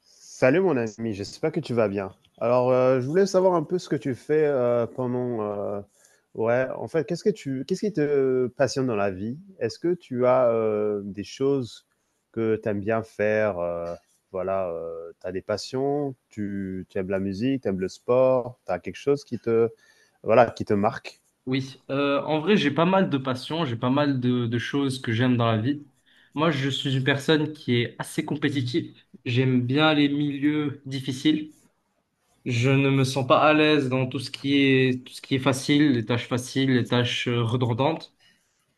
Salut mon ami, j'espère que tu vas bien. Alors, je voulais savoir un peu ce que tu fais pendant... ouais, en fait, qu'est-ce que qu'est-ce qui te passionne dans la vie? Est-ce que tu as des choses que tu aimes bien faire? Voilà, tu as des passions, tu aimes la musique, tu aimes le sport, tu as quelque chose voilà, qui te marque? Oui, en vrai, j'ai pas mal de passions, j'ai pas mal de choses que j'aime dans la vie. Moi, je suis une personne qui est assez compétitive. J'aime bien les milieux difficiles. Je ne me sens pas à l'aise dans tout ce qui est facile, les tâches faciles, les tâches redondantes.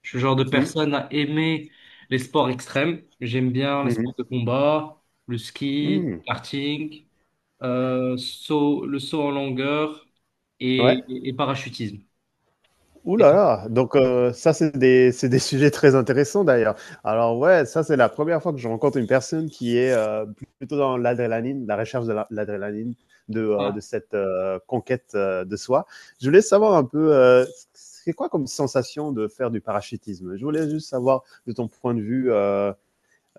Je suis le genre de Mhm, personne à aimer les sports extrêmes. J'aime bien les mhm, sports de combat, le ski, mhm. karting, le saut en longueur Ouais. et parachutisme. Ouh Et là toi? là, donc ça c'est des sujets très intéressants d'ailleurs. Alors ouais, ça c'est la première fois que je rencontre une personne qui est, plutôt dans l'adrénaline, la recherche de la l'adrénaline de, de cette, conquête, de soi. Je voulais savoir un peu, c'est quoi comme sensation de faire du parachutisme? Je voulais juste savoir de ton point de vue, euh,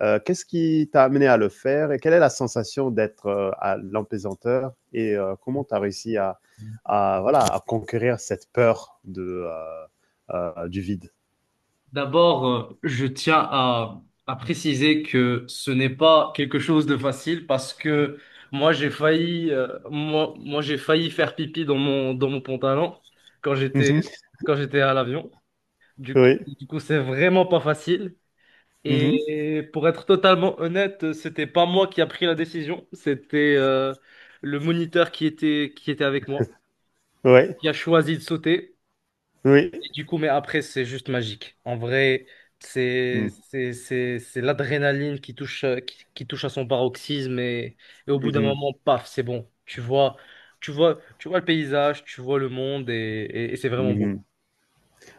euh, qu'est-ce qui t'a amené à le faire et quelle est la sensation d'être à l'empaisanteur et comment tu as réussi à, voilà, à conquérir cette peur de, du vide. D'abord, je tiens à préciser que ce n'est pas quelque chose de facile, parce que moi j'ai failli moi, moi j'ai failli faire pipi dans mon pantalon quand j'étais Mhm. quand j'étais à l'avion. Du coup, Oui. du coup, c'est vraiment pas facile. Mhm. Et pour être totalement honnête, c'était pas moi qui a pris la décision, c'était le moniteur qui était avec moi Oui. qui a choisi de sauter. Oui. Et du coup, mais après, c'est juste magique. En vrai, c'est Mhm. c'est c'est c'est l'adrénaline qui touche qui touche à son paroxysme et au bout d'un Mhm. moment, paf, c'est bon. Tu vois le paysage, tu vois le monde et c'est vraiment beau. Mhm.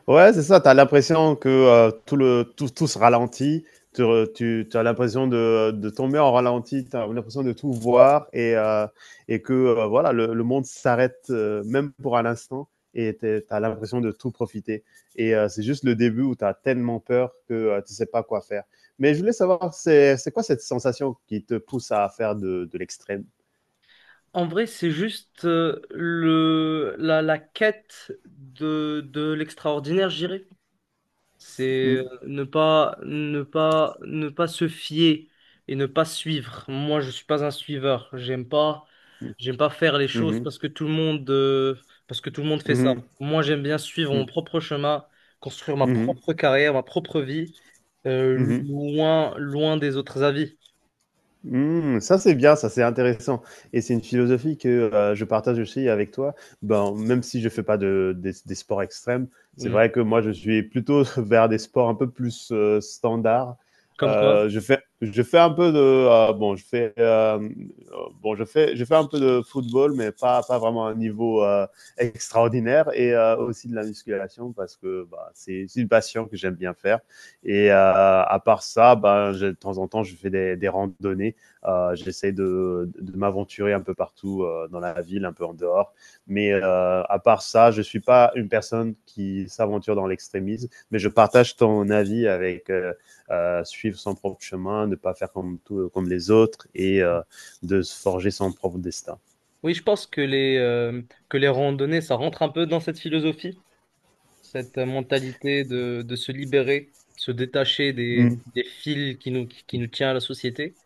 Ouais, c'est ça, tu as l'impression que tout se ralentit, tu as l'impression de tomber en ralenti, tu as l'impression de tout voir et que voilà, le monde s'arrête, même pour un instant, et tu as l'impression de tout profiter. Et c'est juste le début où tu as tellement peur que tu sais pas quoi faire. Mais je voulais savoir, c'est quoi cette sensation qui te pousse à faire de l'extrême? En vrai, c'est juste la quête de l'extraordinaire, je dirais. C'est Mmh, ne pas se fier et ne pas suivre. Moi, je suis pas un suiveur. J'aime pas, mmh, j'aime pas faire les choses mmh, parce que tout le monde fait ça. mmh, Moi, j'aime bien suivre mmh, mon propre chemin, construire ma mmh, propre carrière, ma propre vie, mmh. Loin des autres avis. Mmh, ça c'est bien, ça c'est intéressant et c'est une philosophie que, je partage aussi avec toi. Ben, même si je fais pas de des sports extrêmes, c'est Mm. vrai que moi je suis plutôt vers des sports un peu plus, standards. Comme quoi? Je fais un peu de, heu, bon je fais un peu de football mais pas vraiment à un niveau, extraordinaire, et aussi de la musculation parce que, bah, c'est une passion que j'aime bien faire, et à part ça, ben, j'ai de temps en temps je fais des randonnées. J'essaie de m'aventurer un peu partout dans la ville, un peu en dehors. Mais à part ça, je ne suis pas une personne qui s'aventure dans l'extrémisme, mais je partage ton avis avec suivre son propre chemin, ne pas faire comme, tout, comme les autres, et de se forger son propre destin. Oui, je pense que que les randonnées, ça rentre un peu dans cette philosophie. Cette mentalité de se libérer, se détacher des, Mhm, des fils qui nous tient à la société.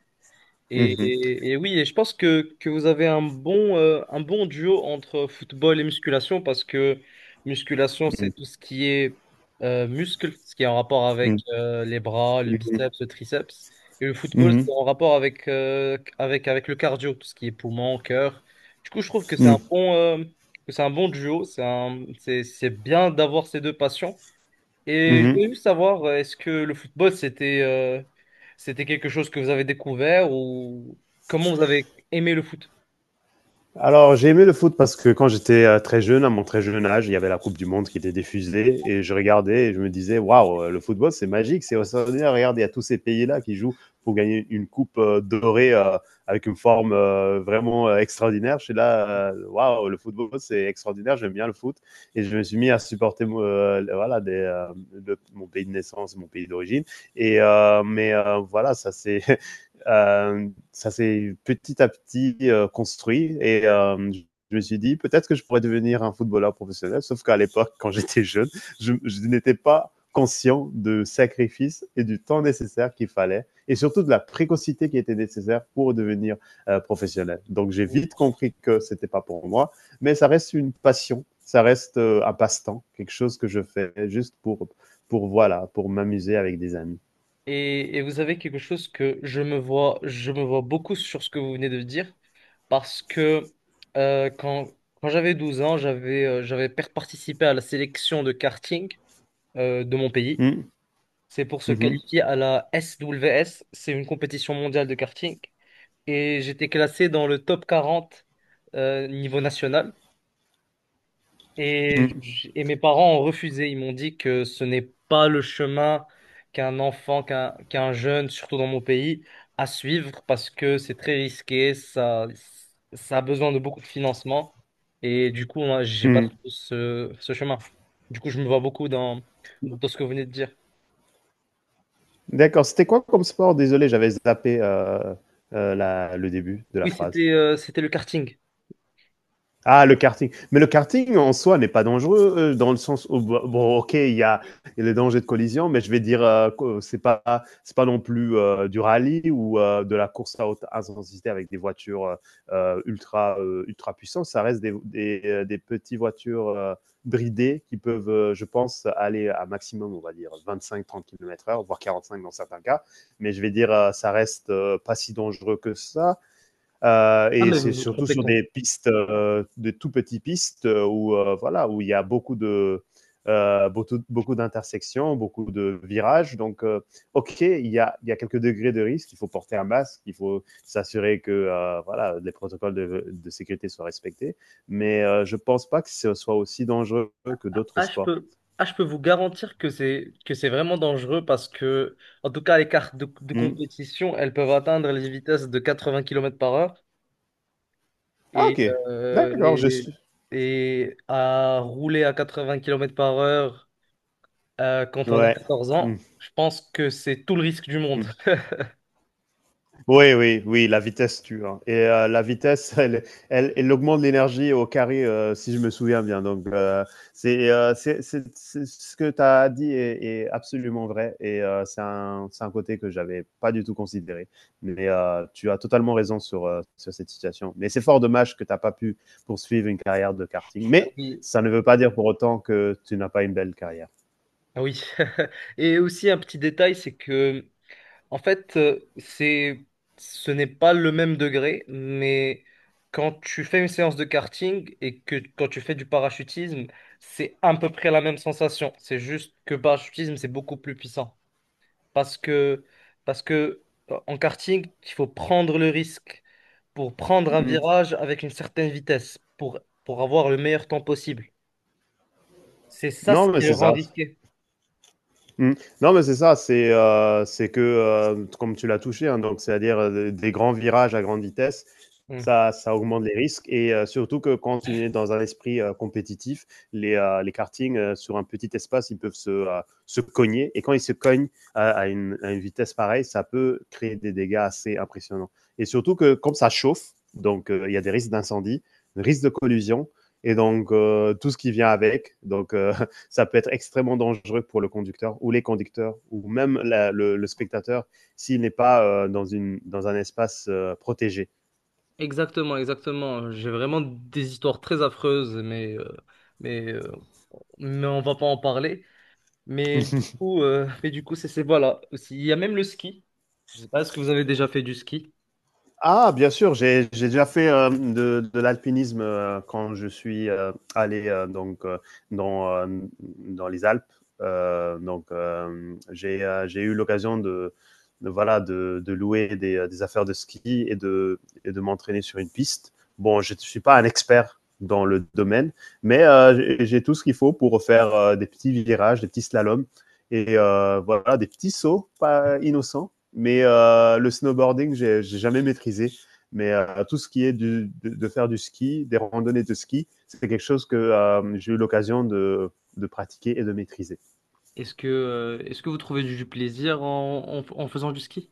Et, mhm, et- et oui, et je pense que vous avez un bon duo entre football et musculation, parce que musculation, c'est mhm, tout ce qui est muscle, ce qui est en rapport avec mhm, les bras, le biceps, le triceps. Et le football, c'est mhm, en rapport avec, avec le cardio, tout ce qui est poumon, cœur. Du coup, je trouve que c'est mhm, que c'est un bon duo. C'est bien d'avoir ces deux passions. Et je mhm. voulais juste savoir, est-ce que le football, c'était quelque chose que vous avez découvert, ou comment vous avez aimé le foot? Alors, j'ai aimé le foot parce que quand j'étais très jeune, à mon très jeune âge, il y avait la Coupe du Monde qui était diffusée et je regardais et je me disais, waouh, le football, c'est magique, c'est extraordinaire. Regardez, il y a tous ces pays-là qui jouent pour gagner une coupe dorée, avec une forme vraiment extraordinaire. Je suis là, waouh, le football, c'est extraordinaire, j'aime bien le foot. Et je me suis mis à supporter voilà, mon pays de naissance, mon pays d'origine. Et mais voilà, ça c'est, ça s'est petit à petit, construit, et je me suis dit peut-être que je pourrais devenir un footballeur professionnel. Sauf qu'à l'époque, quand j'étais jeune, je n'étais pas conscient du sacrifice et du temps nécessaire qu'il fallait et surtout de la précocité qui était nécessaire pour devenir professionnel. Donc j'ai vite compris que c'était pas pour moi, mais ça reste une passion, ça reste un passe-temps, quelque chose que je fais juste pour voilà, pour m'amuser avec des amis. Et vous avez quelque chose, que je me vois beaucoup sur ce que vous venez de dire, parce que euh, quand, quand j'avais 12 ans, j'avais participé à la sélection de karting de mon pays. Mm, C'est pour se mhm, qualifier à la SWS, c'est une compétition mondiale de karting. Et j'étais classé dans le top 40 niveau national. Et, mm, j- et mes parents ont refusé. Ils m'ont dit que ce n'est pas le chemin qu'un enfant, qu'un qu'un jeune, surtout dans mon pays, à suivre, parce que c'est très risqué, ça a besoin de beaucoup de financement. Et du coup, moi, j'ai pas trouvé mm. ce chemin. Du coup, je me vois beaucoup dans ce que vous venez de dire. D'accord, c'était quoi comme sport? Désolé, j'avais zappé le début de la Oui, phrase. c'était le karting. Ah, le karting. Mais le karting en soi n'est pas dangereux dans le sens où, bon, bon, ok, il y a les dangers de collision, mais je vais dire, que c'est pas, non plus du rallye ou de la course à haute intensité avec des voitures, ultra puissantes. Ça reste des petites voitures bridées qui peuvent, je pense, aller à maximum, on va dire, 25-30 km/h, voire 45 dans certains cas. Mais je vais dire, ça reste pas si dangereux que ça. Ah, Et mais c'est vous vous surtout trompez. sur des pistes, des tout petits pistes, où, voilà, où il y a beaucoup de, beaucoup, beaucoup d'intersections, beaucoup de virages. Donc, ok, il y a quelques degrés de risque. Il faut porter un masque, il faut s'assurer que, voilà, les protocoles de sécurité soient respectés. Mais je pense pas que ce soit aussi dangereux que d'autres Ah, je sports. peux, je peux vous garantir que c'est vraiment dangereux parce que, en tout cas, les cartes de Hmm. compétition, elles peuvent atteindre les vitesses de 80 km par heure Ah, et, ok. euh, D'accord, je et, suis. et à rouler à 80 km par heure quand on a Ouais. 14 Hmm. ans, je pense que c'est tout le risque du monde. Hmm. Oui, oui, oui, la vitesse tue, hein. Et la vitesse, elle augmente l'énergie au carré, si je me souviens bien. Donc, c'est, ce que tu as dit est absolument vrai. Et c'est un, côté que j'avais pas du tout considéré. Mais tu as totalement raison sur cette situation. Mais c'est fort dommage que tu n'as pas pu poursuivre une carrière de karting. Ah Mais oui, ça ne veut pas dire pour autant que tu n'as pas une belle carrière. ah oui. Et aussi un petit détail, c'est que en fait, ce n'est pas le même degré, mais quand tu fais une séance de karting et que quand tu fais du parachutisme, c'est à peu près la même sensation. C'est juste que parachutisme, c'est beaucoup plus puissant. Parce que, parce que en karting, il faut prendre le risque pour prendre un Mm. virage avec une certaine vitesse, pour avoir le meilleur temps possible. C'est ça ce Non, mais qui le c'est ça. rend risqué. Mmh. Non, mais c'est ça, c'est que, comme tu l'as touché, hein, donc c'est-à-dire, des grands virages à grande vitesse, Mm. Ça augmente les risques, et surtout que quand tu es dans un esprit compétitif, les kartings, sur un petit espace, ils peuvent se cogner, et quand ils se cognent à, à une vitesse pareille, ça peut créer des dégâts assez impressionnants. Et surtout que comme ça chauffe, donc il y a des risques d'incendie, des risques de collusion, et donc tout ce qui vient avec, donc ça peut être extrêmement dangereux pour le conducteur ou les conducteurs, ou même spectateur, s'il n'est pas dans un espace protégé. Exactement, exactement. J'ai vraiment des histoires très affreuses, mais, euh, mais on va pas en parler. Mais du coup, voilà. Aussi, il y a même le ski. Je sais pas, est-ce que vous avez déjà fait du ski? Ah, bien sûr, j'ai déjà fait de l'alpinisme quand je suis, allé, donc, dans, euh, dans les Alpes. Donc, j'ai eu l'occasion voilà, de louer des affaires de ski, et de m'entraîner sur une piste. Bon, je ne suis pas un expert dans le domaine, mais j'ai tout ce qu'il faut pour faire des petits virages, des petits slaloms, et voilà, des petits sauts pas innocents. Mais le snowboarding, j'ai jamais maîtrisé. Mais tout ce qui est de faire du ski, des randonnées de ski, c'est quelque chose que j'ai eu l'occasion de pratiquer et de maîtriser. Est-ce que vous trouvez du plaisir en faisant du ski?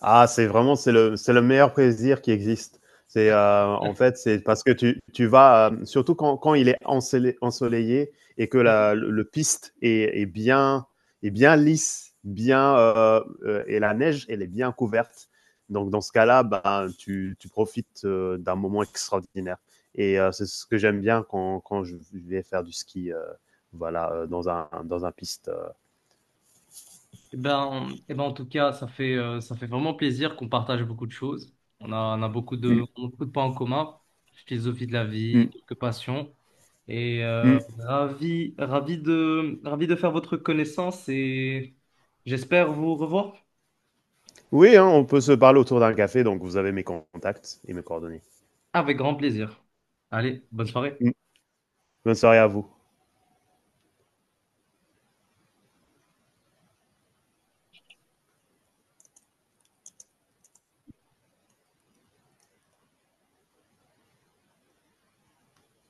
Ah, c'est vraiment, c'est le meilleur plaisir qui existe. C'est, en fait, c'est parce que tu vas, surtout quand il est ensolé ensoleillé et que la le piste est bien lisse, bien, et la neige, elle est bien couverte. Donc dans ce cas-là, ben, tu profites, d'un moment extraordinaire, et c'est ce que j'aime bien quand je vais faire du ski, voilà, dans un, piste. Eh ben, en tout cas, ça fait vraiment plaisir qu'on partage beaucoup de choses. Mmh On a beaucoup de points en commun, philosophie de la mh. vie, quelques passions. Et Mmh. ravi de faire votre connaissance, et j'espère vous revoir Oui, hein, on peut se parler autour d'un café, donc vous avez mes contacts et mes coordonnées. avec grand plaisir. Allez, bonne soirée. Mm. Bonne soirée à vous.